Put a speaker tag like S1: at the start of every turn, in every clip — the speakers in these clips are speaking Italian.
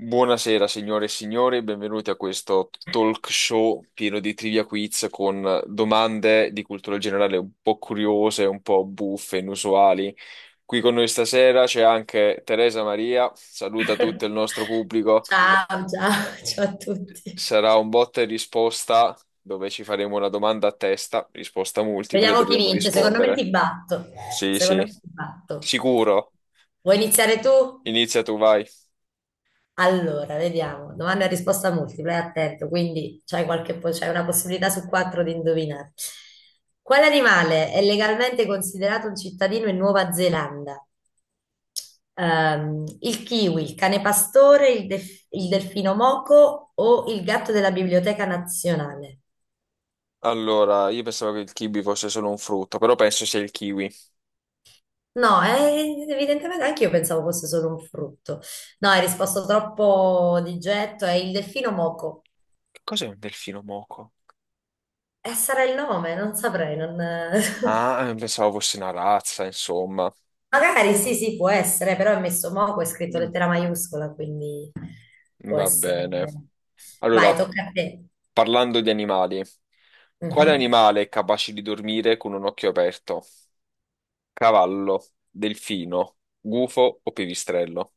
S1: Buonasera signore e signori, benvenuti a questo talk show pieno di trivia quiz con domande di cultura generale un po' curiose, un po' buffe, inusuali. Qui con noi stasera c'è anche Teresa Maria, saluta tutto il nostro pubblico.
S2: Ciao, ciao, ciao a tutti.
S1: Sarà un botta e risposta dove ci faremo una domanda a testa, risposta multiple,
S2: Vediamo chi
S1: dovremo
S2: vince. Secondo me
S1: rispondere.
S2: ti batto.
S1: Sì,
S2: Secondo
S1: sì,
S2: me ti batto.
S1: sicuro.
S2: Vuoi iniziare tu?
S1: Inizia tu, vai.
S2: Allora, vediamo. Domanda e risposta multipla, è attento, quindi c'hai c'hai una possibilità su quattro di indovinare. Quale animale è legalmente considerato un cittadino in Nuova Zelanda? Il kiwi, il cane pastore, il delfino moco o il gatto della Biblioteca Nazionale?
S1: Allora, io pensavo che il kiwi fosse solo un frutto, però penso sia il kiwi.
S2: No, evidentemente anche io pensavo fosse solo un frutto. No, hai risposto troppo di getto. È il delfino moco.
S1: Che cos'è un delfino moco?
S2: E sarà il nome, non saprei.
S1: Ah, pensavo fosse una razza, insomma.
S2: Magari sì, sì, può essere, però è messo moco, è scritto
S1: Mm,
S2: lettera maiuscola, quindi può
S1: va
S2: essere.
S1: bene.
S2: Vai,
S1: Allora,
S2: tocca a te.
S1: parlando di animali, quale
S2: Mhm.
S1: animale è capace di dormire con un occhio aperto? Cavallo, delfino, gufo o pipistrello?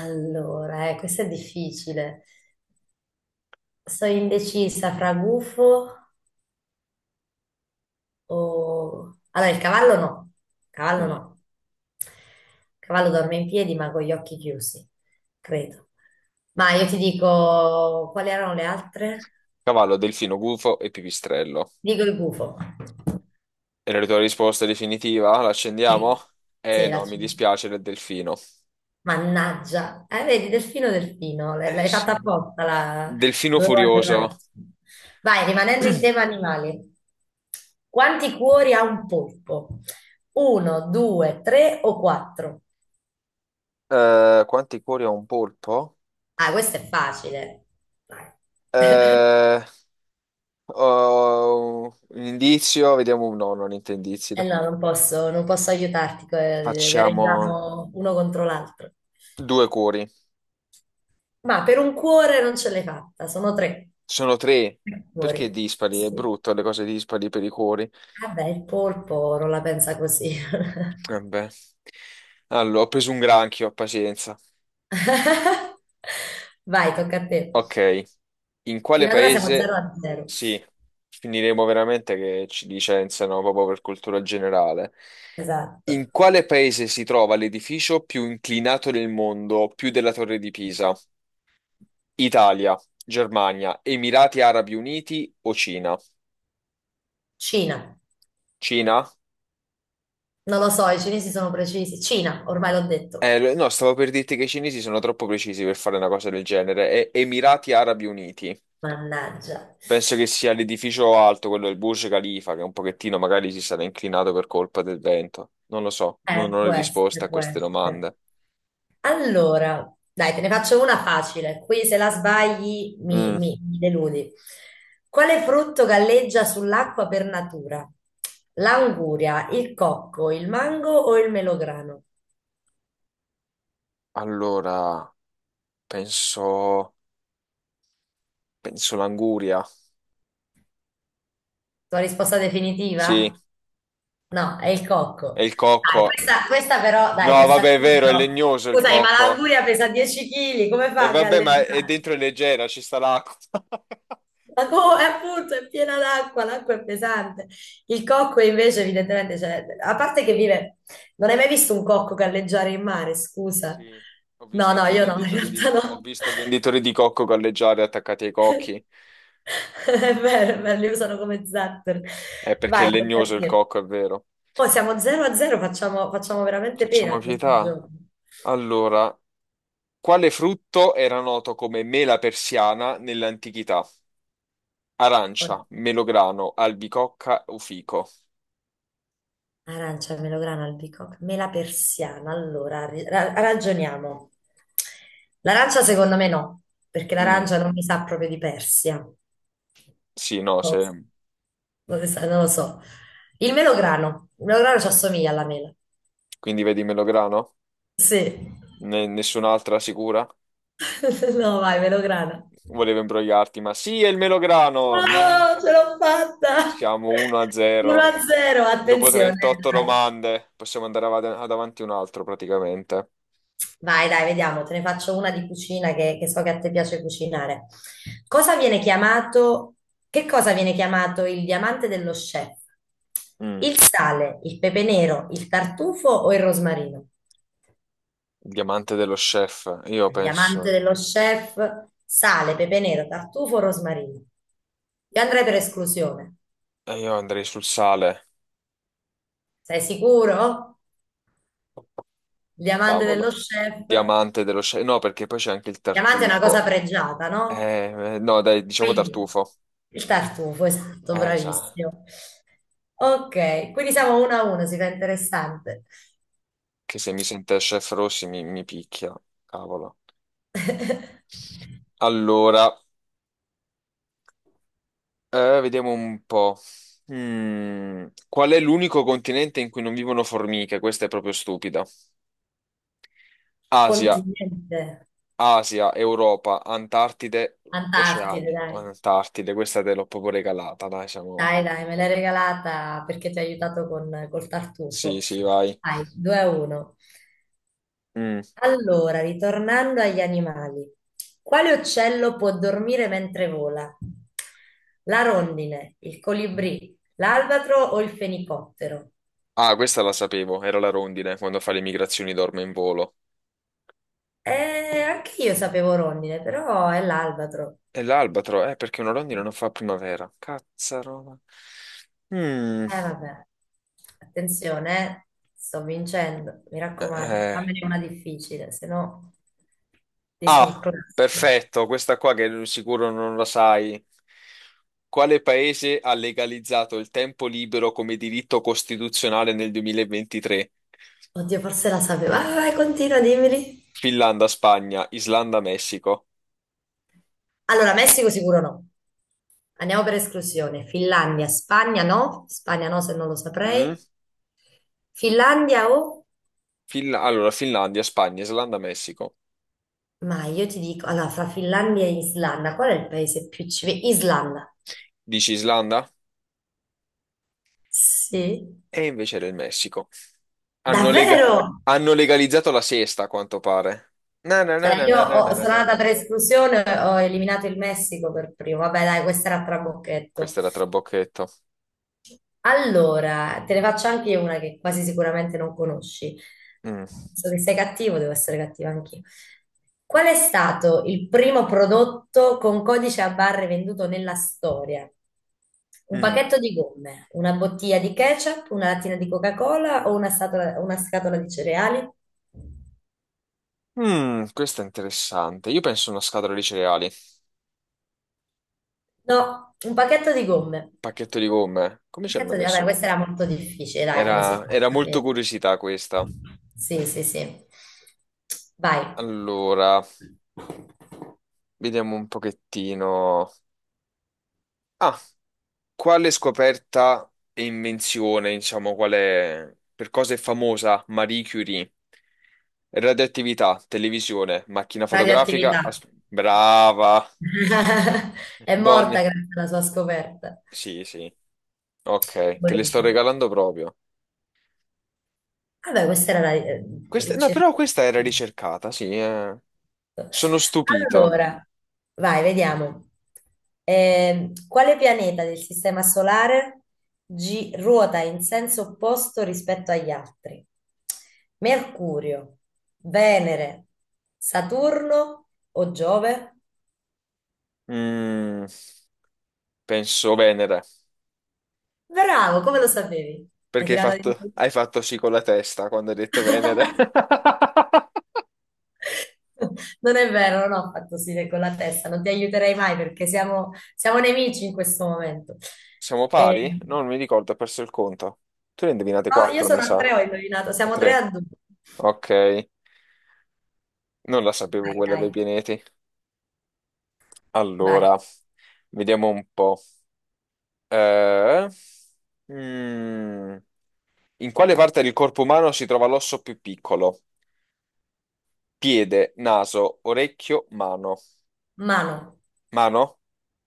S2: Allora, questo è difficile. Sono indecisa fra gufo. Allora, il cavallo no, cavallo
S1: Mm.
S2: no. Il cavallo dorme in piedi ma con gli occhi chiusi, credo. Ma io ti dico, quali erano le altre?
S1: Cavallo, delfino, gufo e pipistrello.
S2: Dico il gufo.
S1: E la tua risposta definitiva? L'accendiamo?
S2: Sì, sì,
S1: Eh no, mi dispiace del delfino.
S2: Mannaggia, vedi, delfino, delfino,
S1: Eh
S2: l'hai
S1: sì.
S2: fatta apposta, la...
S1: Delfino
S2: dovevo
S1: furioso.
S2: arrivarci. Vai, rimanendo in tema animali, quanti cuori ha un polpo? Uno, due, tre o quattro?
S1: Quanti cuori ha un polpo?
S2: Ah, questo è facile. Dai.
S1: Eh, Oh, un indizio, vediamo. No, non indizi.
S2: Eh
S1: Dai.
S2: no, non posso, non posso aiutarti,
S1: Facciamo
S2: gareggiamo uno contro l'altro.
S1: due cuori.
S2: Ma per un cuore non ce l'hai fatta, sono tre.
S1: Sono tre.
S2: Tre
S1: Perché
S2: cuori. Sì,
S1: dispari? È
S2: sì.
S1: brutto le cose dispari per i cuori.
S2: Vabbè, il polpo non la pensa così.
S1: Vabbè. Allora, ho preso un granchio, pazienza.
S2: Vai, tocca a te.
S1: Ok. In quale
S2: Fino ad ora siamo 0
S1: paese?
S2: a 0.
S1: Sì, finiremo veramente che ci licenziano proprio per cultura generale.
S2: Esatto.
S1: In quale paese si trova l'edificio più inclinato del mondo, più della Torre di Pisa? Italia, Germania, Emirati Arabi Uniti o Cina?
S2: Cina.
S1: Cina?
S2: Non lo so, i cinesi sono precisi. Cina, ormai l'ho detto.
S1: No, stavo per dirti che i cinesi sono troppo precisi per fare una cosa del genere. Emirati Arabi Uniti.
S2: Mannaggia.
S1: Penso che sia l'edificio alto, quello del Burj Khalifa, che un pochettino magari si sarà inclinato per colpa del vento. Non lo so, non ho le
S2: Può
S1: risposte
S2: essere,
S1: a
S2: può
S1: queste
S2: essere.
S1: domande.
S2: Allora, dai, te ne faccio una facile. Qui se la sbagli
S1: Mm,
S2: mi deludi. Quale frutto galleggia sull'acqua per natura? L'anguria, il cocco, il mango o il melograno?
S1: allora, penso... penso l'anguria.
S2: Tua risposta
S1: Sì,
S2: definitiva? No, è il
S1: è
S2: cocco.
S1: il
S2: Dai,
S1: cocco.
S2: questa però, dai,
S1: No,
S2: questa
S1: vabbè, è
S2: qui
S1: vero, è
S2: però.
S1: legnoso il
S2: Scusami, ma
S1: cocco.
S2: l'anguria pesa 10 kg, come
S1: E
S2: fa a
S1: vabbè, ma è
S2: galleggiare?
S1: dentro è leggera, ci sta l'acqua.
S2: È appunto, è piena d'acqua, l'acqua è pesante. Il cocco invece, evidentemente, cioè, a parte che vive, non hai mai visto un cocco galleggiare in mare, scusa.
S1: Sì,
S2: No, no, io no, in realtà
S1: ho
S2: no.
S1: visto i venditori di cocco galleggiare attaccati ai cocchi.
S2: È vero, li usano come zattero.
S1: È perché è
S2: Vai, tocca a
S1: legnoso il
S2: te.
S1: cocco, è vero.
S2: Oh, siamo 0 a 0, facciamo, facciamo veramente pena
S1: Facciamo
S2: a questo
S1: pietà.
S2: gioco.
S1: Allora, quale frutto era noto come mela persiana nell'antichità? Arancia, melograno, albicocca o fico?
S2: Arancia, melograno, albicocca, mela persiana. Allora, ragioniamo. L'arancia secondo me no, perché
S1: Mm,
S2: l'arancia non mi sa proprio di Persia.
S1: sì, no,
S2: Non lo so.
S1: se.
S2: Non lo so. Non lo so. Il melograno. Il melograno ci assomiglia alla mela.
S1: Quindi vedi melograno?
S2: Sì.
S1: Nessun'altra sicura?
S2: No, vai, melograno.
S1: Volevo imbrogliarti, ma sì, è il melograno.
S2: No,
S1: No.
S2: ce l'ho fatta!
S1: Siamo 1-0.
S2: 1-0,
S1: Dopo
S2: attenzione,
S1: 38
S2: dai.
S1: domande possiamo andare ad avanti un altro praticamente.
S2: Vai, dai, vediamo, te ne faccio una di cucina che so che a te piace cucinare. Cosa viene chiamato, che cosa viene chiamato il diamante dello chef?
S1: Mm,
S2: Il sale, il pepe nero, il tartufo o il rosmarino?
S1: Il diamante dello chef.
S2: Il diamante dello chef, sale, pepe nero, tartufo, rosmarino. Io andrei per esclusione.
S1: Io andrei sul sale.
S2: Sei sicuro? Il diamante dello
S1: Cavolo.
S2: chef. Il
S1: Diamante dello chef. No, perché poi c'è anche il
S2: diamante è una cosa
S1: tartufo.
S2: pregiata, no?
S1: No, dai, diciamo
S2: Quindi
S1: tartufo.
S2: il tartufo, esatto,
S1: Sa,
S2: bravissimo. Ok, quindi siamo uno a uno, si fa interessante.
S1: che se mi sente chef Rossi mi picchia. Cavolo. Allora, vediamo un po'. Qual è l'unico continente in cui non vivono formiche? Questa è proprio stupida. Asia,
S2: Continente,
S1: Asia, Europa, Antartide,
S2: Antartide,
S1: Oceani.
S2: dai.
S1: Antartide, questa te l'ho proprio regalata, dai, siamo.
S2: Dai, dai, me l'hai regalata perché ti ho aiutato con, col tartufo.
S1: Sì, sì, vai.
S2: Dai, 2 a 1.
S1: Mm.
S2: Allora, ritornando agli animali. Quale uccello può dormire mentre vola? La rondine, il colibrì, l'albatro o il fenicottero?
S1: Ah, questa la sapevo, era la rondine, quando fa le migrazioni dorme in volo.
S2: Anche io sapevo rondine, però è l'albatro.
S1: E l'albatro, perché una rondine non fa primavera. Cazzarona. Mm.
S2: Eh vabbè, attenzione, eh. Sto vincendo, mi raccomando,
S1: Eh.
S2: fammene una difficile, se no ti
S1: Ah,
S2: surclasso.
S1: perfetto, questa qua che non- sicuro non la sai. Quale paese ha legalizzato il tempo libero come diritto costituzionale nel 2023?
S2: Oddio, forse la sapevo. Vai, vai, continua, dimmeli.
S1: Finlandia, Spagna, Islanda, Messico.
S2: Allora, Messico sicuro no. Andiamo per esclusione. Finlandia, Spagna no. Spagna no, se non lo
S1: Mm?
S2: saprei. Finlandia o...
S1: Allora, Finlandia, Spagna, Islanda, Messico.
S2: Ma io ti dico, allora, fra Finlandia e Islanda, qual è il paese più civile? Islanda.
S1: Dici Islanda?
S2: Sì.
S1: E invece era il Messico. Hanno, lega-
S2: Davvero?
S1: hanno legalizzato la sesta, a quanto pare. Na, na, na,
S2: Cioè,
S1: na, na, na, na,
S2: sono
S1: na,
S2: andata
S1: na.
S2: per esclusione, ho eliminato il Messico per primo. Vabbè, dai, questa era a trabocchetto.
S1: Questa era trabocchetto.
S2: Allora, te ne faccio anche una che quasi sicuramente non conosci.
S1: Mm.
S2: So che sei cattivo, devo essere cattiva anch'io. Qual è stato il primo prodotto con codice a barre venduto nella storia? Un
S1: Mm.
S2: pacchetto di gomme, una bottiglia di ketchup, una lattina di Coca-Cola o una scatola di cereali?
S1: Questo è interessante. Io penso a una scatola di cereali,
S2: No, un pacchetto di gomme.
S1: pacchetto di gomme. Come c'erano
S2: Cazzo, vabbè,
S1: messo?
S2: questa era molto difficile, dai, come si
S1: Era,
S2: fa? A
S1: era molto
S2: sapere?
S1: curiosità questa.
S2: Sì, sì, sì. Vai.
S1: Allora, vediamo un pochettino. Ah, quale scoperta e invenzione, diciamo, quale per cosa è famosa Marie Curie? Radioattività, televisione, macchina fotografica.
S2: Radioattività.
S1: Brava!
S2: È
S1: Donne.
S2: morta grazie alla sua scoperta.
S1: Sì, sì. Ok, te le
S2: Poi-
S1: sto regalando proprio.
S2: Vabbè, questa era la
S1: No,
S2: ricerca.
S1: però questa era ricercata, sì. Sono stupito.
S2: Allora, vai, vediamo. Quale pianeta del Sistema Solare ruota in senso opposto rispetto agli altri? Mercurio, Venere, Saturno o Giove?
S1: Mm, Penso Venere,
S2: Bravo, come lo sapevi? Hai
S1: perché hai
S2: tirato di...
S1: fatto, hai fatto sì con la testa quando hai detto Venere.
S2: Non è vero, non ho fatto sì con la testa, non ti aiuterei mai perché siamo, siamo nemici in questo momento.
S1: Siamo
S2: E-
S1: pari? No, non mi ricordo, ho perso il conto. Tu ne hai indovinate
S2: no, io
S1: 4, mi
S2: sono a
S1: sa.
S2: tre, ho indovinato,
S1: A
S2: siamo tre
S1: 3.
S2: a due.
S1: Ok, non la sapevo
S2: Vai,
S1: quella
S2: dai,
S1: dei pianeti.
S2: vai.
S1: Allora, vediamo un po'. Eh, mm, In quale parte del corpo umano si trova l'osso più piccolo? Piede, naso, orecchio, mano.
S2: Mano,
S1: Mano?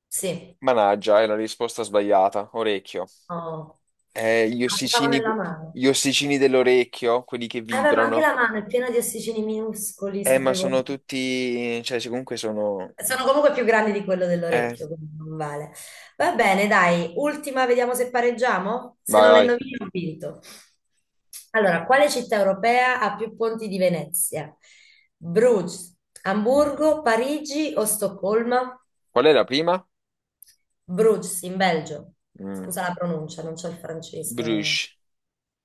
S2: sì.
S1: Managgia, è la risposta sbagliata. Orecchio.
S2: Oh.
S1: Eh, gli
S2: Ah, pensavo
S1: ossicini,
S2: nella mano.
S1: gli ossicini dell'orecchio, quelli che
S2: Beh, ma anche
S1: vibrano.
S2: la mano è piena di ossicini minuscoli,
S1: Ma
S2: sapevo.
S1: sono tutti. Cioè, se comunque sono.
S2: Sono comunque più grandi di quello
S1: Eh,
S2: dell'orecchio, quindi non vale. Va bene, dai, ultima, vediamo se pareggiamo. Se
S1: Vai,
S2: non le
S1: vai.
S2: indovini, ho vinto. Allora, quale città europea ha più ponti di Venezia? Bruges, Amburgo, Parigi o Stoccolma?
S1: Qual è la prima?
S2: Bruges, in Belgio.
S1: Mm,
S2: Scusa la pronuncia, non c'è il francese.
S1: Bruges.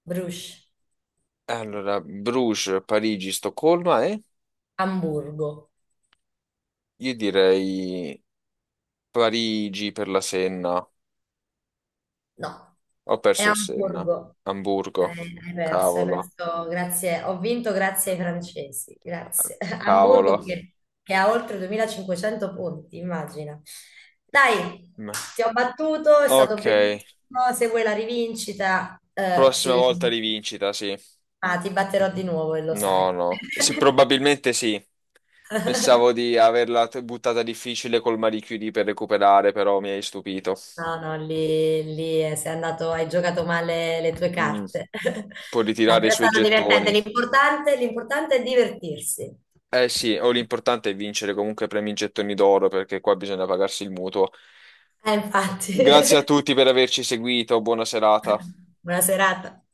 S2: Bruges,
S1: Allora, Bruges, Parigi, Stoccolma e.
S2: Amburgo.
S1: Io direi Parigi per la Senna.
S2: No,
S1: Ho
S2: è
S1: perso il Senna.
S2: Amburgo.
S1: Amburgo.
S2: Hai perso, hai
S1: Cavolo.
S2: perso. Grazie. Ho vinto grazie ai francesi. Grazie. Amburgo
S1: Cavolo.
S2: che ha oltre 2.500 punti, immagina. Dai, ti ho battuto, è
S1: Ok,
S2: stato bellissimo. Se vuoi la rivincita,
S1: prossima
S2: ci...
S1: volta rivincita, sì.
S2: ah, ti batterò di nuovo e lo
S1: No,
S2: sai.
S1: no. Sì, probabilmente sì. Pensavo di averla buttata difficile col Marie Curie per recuperare, però mi hai stupito.
S2: No, no, lì, lì sei andato, hai giocato male le tue
S1: Mm.
S2: carte.
S1: Può
S2: Dai,
S1: ritirare i
S2: però è
S1: suoi
S2: stato divertente.
S1: gettoni.
S2: L'importante è divertirsi.
S1: Eh sì, o l'importante è vincere comunque premi in gettoni d'oro, perché qua bisogna pagarsi il mutuo.
S2: Infatti,
S1: Grazie a tutti per averci seguito, buona serata.
S2: buona serata.